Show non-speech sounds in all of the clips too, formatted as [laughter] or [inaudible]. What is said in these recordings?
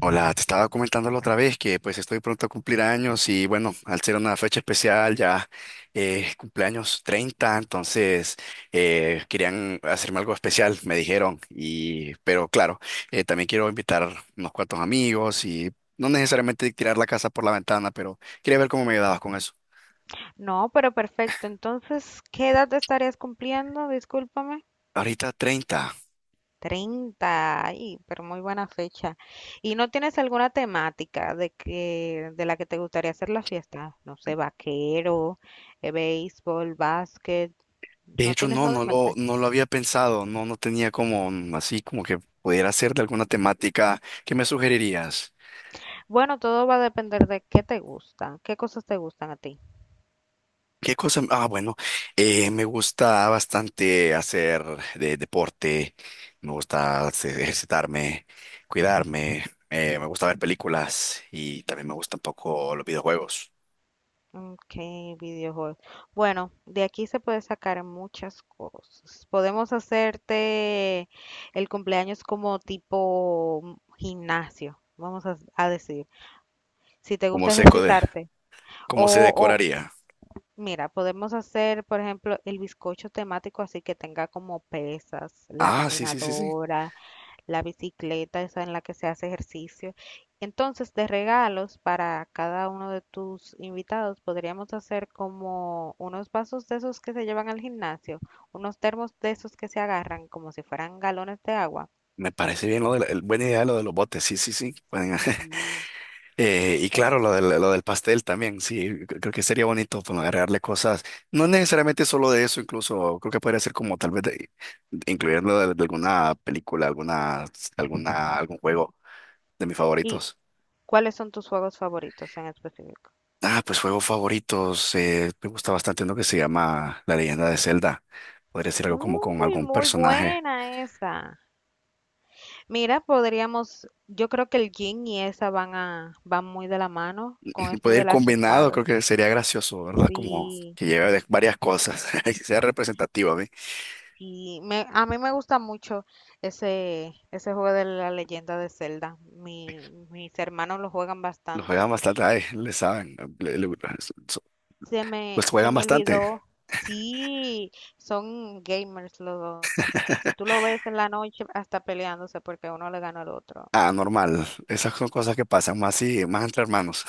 Hola, te estaba comentando la otra vez que pues estoy pronto a cumplir años y bueno, al ser una fecha especial ya, cumpleaños treinta. Entonces, querían hacerme algo especial, me dijeron, y pero claro, también quiero invitar unos cuantos amigos y no necesariamente tirar la casa por la ventana, pero quería ver cómo me ayudabas con eso. No, pero perfecto. Entonces, ¿qué edad estarías cumpliendo? Discúlpame. Ahorita 30. Treinta. Ay, pero muy buena fecha. ¿Y no tienes alguna temática de que de la que te gustaría hacer la fiesta? No sé, vaquero, béisbol, básquet. De ¿No hecho, tienes no, nada en mente? no lo había pensado. No, no tenía como así como que pudiera ser de alguna temática. ¿Qué me sugerirías? Bueno, todo va a depender de qué te gusta, qué cosas te gustan a ti. ¿Qué cosa? Ah, bueno, me gusta bastante hacer de deporte, me gusta ejercitarme, cuidarme, me gusta ver películas y también me gusta un poco los videojuegos. Ok, videojuegos. Bueno, de aquí se puede sacar muchas cosas. Podemos hacerte el cumpleaños como tipo gimnasio, vamos a decir, si te ¿Cómo gusta se, code- ejercitarte. ¿Cómo se O, o, decoraría? mira, podemos hacer, por ejemplo, el bizcocho temático así que tenga como pesas, la Ah, sí, sí, sí, sí. caminadora, la bicicleta, esa en la que se hace ejercicio. Entonces, de regalos para cada uno de tus invitados, podríamos hacer como unos vasos de esos que se llevan al gimnasio, unos termos de esos que se agarran como si fueran galones de agua. Me parece bien lo de la- el- buena idea lo de los botes, sí, sí, sí. Pueden- [laughs] Sí. Y En- claro, lo del pastel también, sí, creo que sería bonito pues, agregarle cosas, no necesariamente solo de eso. Incluso creo que podría ser como tal vez de incluirlo de alguna película, alguna, algún juego de mis ¿Y favoritos. cuáles son tus juegos favoritos en específico? Ah, pues juegos favoritos, me gusta bastante uno que se llama La Leyenda de Zelda, podría ser algo como con Uy, algún muy personaje. buena esa. Mira, podríamos, yo creo que el yin y esa van muy de la mano con [laughs] esto Puede de ir las combinado, espadas. creo que sería gracioso, ¿verdad? Como Sí. que lleve varias cosas [laughs] y sea representativo a mí. Y a mí me gusta mucho ese juego de la leyenda de Zelda. Mis hermanos lo juegan Los bastante. juegan bastante, ay, le saben, so- pues Se juegan me bastante. olvidó. Sí, son gamers los dos. Y si tú [laughs] lo ves en la noche, hasta peleándose porque uno le gana al otro. Ah, normal, esas son cosas que pasan más y más entre hermanos.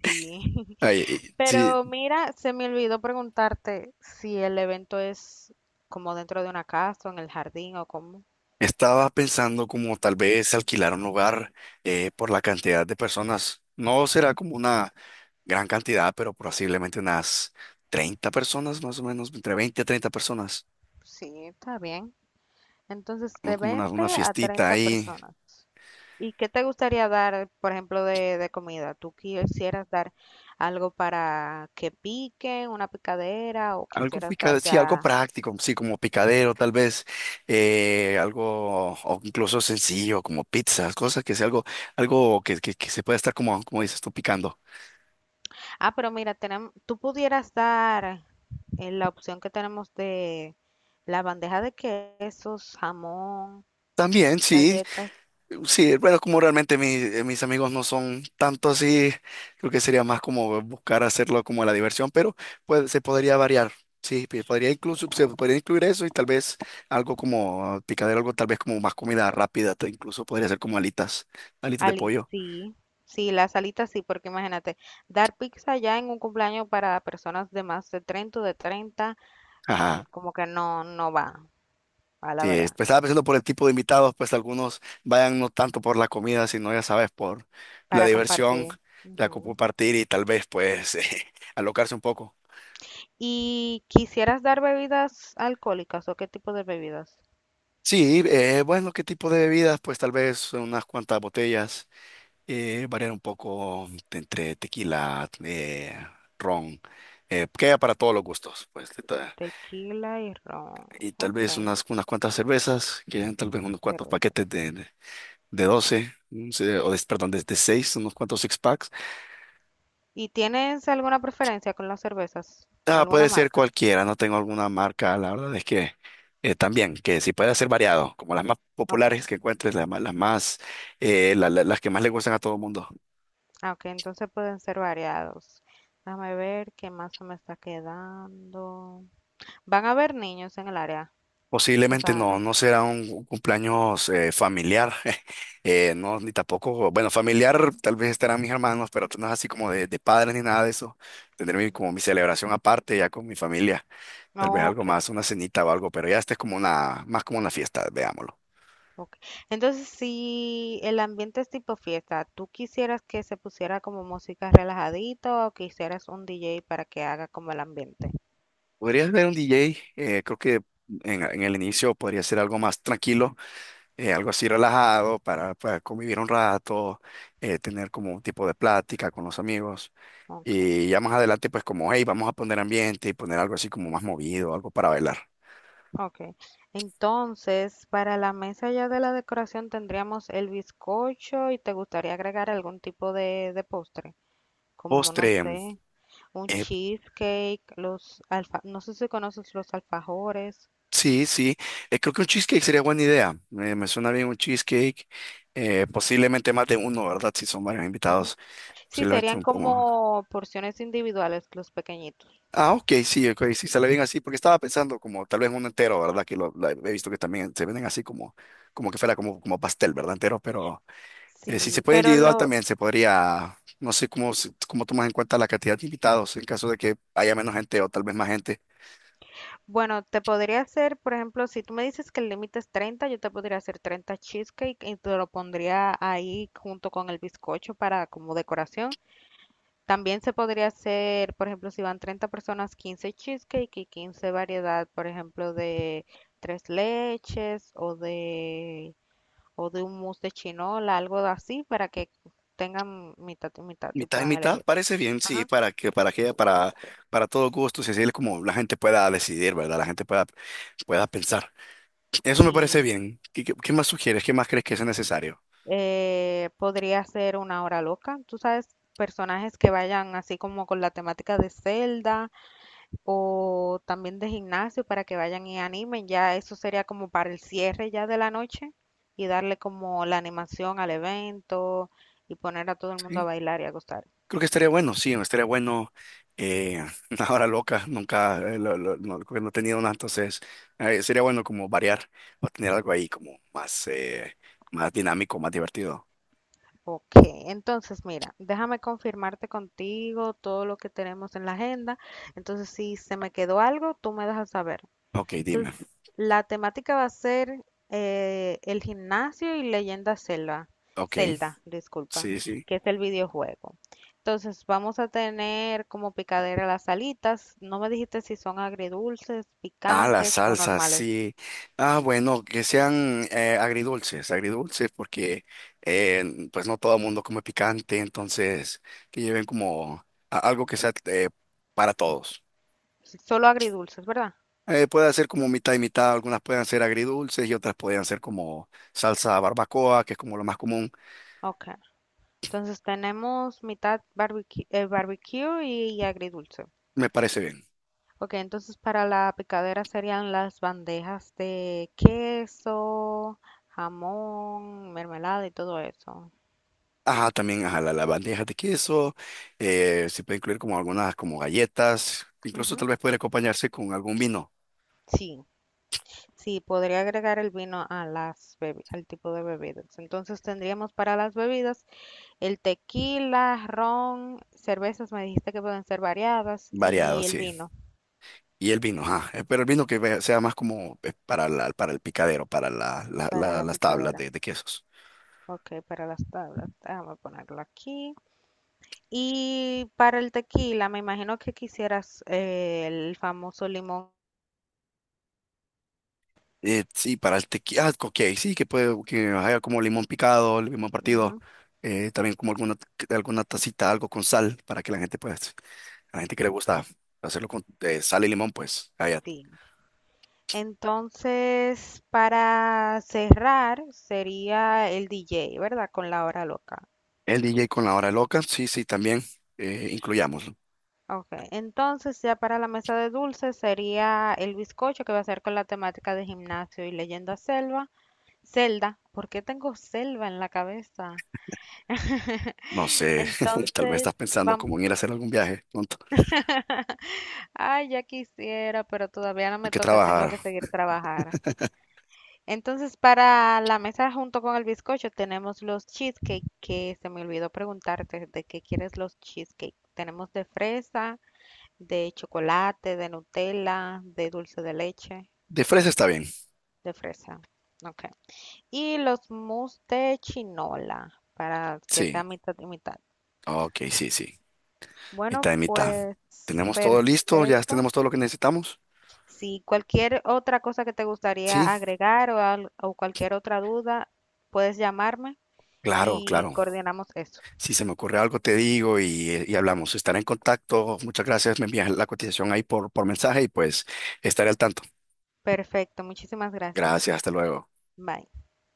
Sí. [laughs] Ay, [laughs] y sí, Pero mira, se me olvidó preguntarte si el evento es como dentro de una casa o en el jardín o cómo. estaba pensando como tal vez alquilar un lugar, por la cantidad de personas. No será como una gran cantidad, pero posiblemente unas 30 personas, más o menos, entre 20 a 30 personas. Sí, está bien. Entonces, ¿No? de Como 20 una a fiestita 30 ahí. personas. ¿Y qué te gustaría dar, por ejemplo, de comida? ¿Tú quisieras dar algo para que piquen, una picadera, o Algo quisieras pica- dar sí, algo ya... práctico, sí, como picadero, tal vez, algo, o incluso sencillo, como pizzas, cosas que sea algo, algo que se pueda estar como, como dices tú, picando. Ah, pero mira, tenemos tú pudieras dar la opción que tenemos de la bandeja de quesos, jamón, También, sí, galletas, sí, bueno, como realmente mis amigos no son tanto así. Creo que sería más como buscar hacerlo como la diversión, pero pues, se podría variar, sí, podría incluso, se podría incluir eso y tal vez algo como picadero, algo tal vez como más comida rápida, incluso podría ser como alitas, alitas de alitas, pollo. sí. Sí, las alitas sí, porque imagínate, dar pizza ya en un cumpleaños para personas de más de 30 o de 30. Ajá. Como que no, no va, a la Sí, es- verdad, pues estaba pensando por el tipo de invitados, pues algunos vayan no tanto por la comida, sino ya sabes, por la para diversión, compartir. Ujú. compartir y tal vez pues [laughs] alocarse un poco. ¿Y quisieras dar bebidas alcohólicas o qué tipo de bebidas? Sí, bueno, ¿qué tipo de bebidas? Pues tal vez unas cuantas botellas, variar un poco de entre tequila, ron, que haya para todos los gustos, pues Tequila y ron. y tal Ok, vez unas, unas cuantas cervezas, que hayan tal vez unos cuantos cerveza. paquetes de 12, un se- o de- perdón, de 6, unos cuantos six packs. ¿Y tienes alguna preferencia con las cervezas? Ah, puede ¿Alguna ser marca? cualquiera, no tengo alguna marca, la verdad es que, también, que sí puede ser variado, como las más Ok, populares que encuentres, las más, las que más le gustan a todo el mundo. ah, ok, entonces pueden ser variados. Déjame ver qué más se me está quedando. ¿Van a haber niños en el área? O Posiblemente sea, no, no será un cumpleaños familiar. [laughs] No, ni tampoco, bueno, familiar tal vez estarán mis hermanos, pero no es así como de padres ni nada de eso. Tendré como mi celebración aparte ya con mi familia, tal vez algo ok. más, una cenita o algo, pero ya este es como una, más como una fiesta, veámoslo. Ok. Entonces, si el ambiente es tipo fiesta, ¿tú quisieras que se pusiera como música relajadita o quisieras un DJ para que haga como el ambiente? Podrías ver un DJ, creo que en el inicio podría ser algo más tranquilo, algo así relajado para convivir un rato, tener como un tipo de plática con los amigos. Ok, Y ya más adelante, pues como, hey, vamos a poner ambiente y poner algo así como más movido, algo para bailar. ok. Entonces, para la mesa ya de la decoración tendríamos el bizcocho y te gustaría agregar algún tipo de postre, como no Postre, sé, un eh, cheesecake, los alfa, no sé si conoces los alfajores. sí, sí, creo que un cheesecake sería buena idea. Me suena bien un cheesecake, posiblemente más de uno, ¿verdad? Si son varios Ujú. invitados, Sí, posiblemente serían un. como porciones individuales, los pequeñitos. Ah, ok, sí, ok, sí, sale bien así, porque estaba pensando como tal vez un entero, ¿verdad? Que he visto que también se venden así como, como que fuera como, como pastel, ¿verdad? Entero, pero, si se Sí, puede pero individual lo, también se podría, no sé cómo, cómo tomas en cuenta la cantidad de invitados en caso de que haya menos gente o tal vez más gente. bueno, te podría hacer, por ejemplo, si tú me dices que el límite es 30, yo te podría hacer 30 cheesecake y te lo pondría ahí junto con el bizcocho para como decoración. También se podría hacer, por ejemplo, si van 30 personas, 15 cheesecake y 15 variedad, por ejemplo, de tres leches o de un mousse de chinola, algo así para que tengan mitad y mitad y Mitad y puedan mitad elegir. parece bien, sí, Ajá. Para todo gusto, si así es como la gente pueda decidir, ¿verdad? La gente pueda, pueda pensar. Eso me parece Sí. bien. ¿Qué, qué más sugieres? ¿Qué más crees que es necesario? Podría ser una hora loca. Tú sabes, personajes que vayan así como con la temática de Zelda o también de gimnasio para que vayan y animen. Ya eso sería como para el cierre ya de la noche y darle como la animación al evento y poner a todo el mundo a Sí, bailar y a gozar. creo que estaría bueno, sí, estaría bueno. eh, [laughs] una hora loca, nunca, no, creo que no he tenido una. Entonces, sería bueno como variar o tener algo ahí como más, más dinámico, más divertido. Ok, entonces mira, déjame confirmarte contigo todo lo que tenemos en la agenda. Entonces, si se me quedó algo, tú me dejas saber. Ok, Entonces, dime. la temática va a ser el gimnasio y leyenda Zelda, Ok. Zelda, disculpa, Sí, sí. que es el videojuego. Entonces, vamos a tener como picadera las alitas. No me dijiste si son agridulces, Ah, las picantes o salsas, normales. sí. Ah, bueno, que sean agridulces, agridulces, porque, pues no todo el mundo come picante. Entonces, que lleven como algo que sea, para todos. Solo agridulces, ¿verdad? Puede ser como mitad y mitad, algunas pueden ser agridulces y otras pueden ser como salsa barbacoa, que es como lo más común. Ok. Entonces, tenemos mitad barbecue, barbecue y agridulce. Me parece bien. Ok, entonces para la picadera serían las bandejas de queso, jamón, mermelada y todo eso. Ajá, también ajá, la bandeja de queso, se puede incluir como algunas como galletas, incluso tal Ujú. vez puede acompañarse con algún vino Sí, sí, podría agregar el vino a al tipo de bebidas. Entonces tendríamos para las bebidas el tequila, ron, cervezas, me dijiste que pueden ser variadas, variado, y el sí. vino Y el vino, ajá. Pero el vino que sea más como, para la, para el picadero, para para la las tablas picadera. De quesos. Ok, para las tablas. Déjame ponerlo aquí. Y para el tequila, me imagino que quisieras el famoso limón. Sí, para el tequila, ah, ok, sí, que puede, que haya como limón picado, limón partido, Ujú, también como alguna, alguna tacita, algo con sal, para que la gente, pues, a la gente que le gusta hacerlo con, sal y limón, pues, allá. sí. Entonces, para cerrar, sería el DJ, ¿verdad? Con la hora loca. El DJ con la hora loca, sí, sí, también, incluyámoslo. Ok. Entonces, ya para la mesa de dulces sería el bizcocho que va a ser con la temática de gimnasio y leyenda selva. Zelda. ¿Por qué tengo selva en la cabeza? No sé, [laughs] tal vez Entonces, estás pensando vamos. como en ir a hacer algún viaje pronto. Ay, ya quisiera, pero todavía no Hay me que toca. Tengo trabajar. que seguir trabajar. Entonces, para la mesa junto con el bizcocho tenemos los cheesecake, que se me olvidó preguntarte de qué quieres los cheesecake. Tenemos de fresa, de chocolate, de Nutella, de dulce de leche, De fresa está bien, de fresa. Ok. Y los mousse de chinola, para que sí, sea mitad y mitad. ok, sí, sí. Bueno, Mitad y mitad. pues ¿Tenemos todo listo? ¿Ya perfecto. tenemos todo lo que necesitamos? Si cualquier otra cosa que te Sí, gustaría agregar o, o cualquier otra duda, puedes llamarme claro, y claro. coordinamos eso. Si se me ocurre algo, te digo y hablamos. Estaré en contacto. Muchas gracias. Me envías la cotización ahí por mensaje y pues estaré al tanto. Perfecto, muchísimas gracias. Gracias, hasta luego. Bye.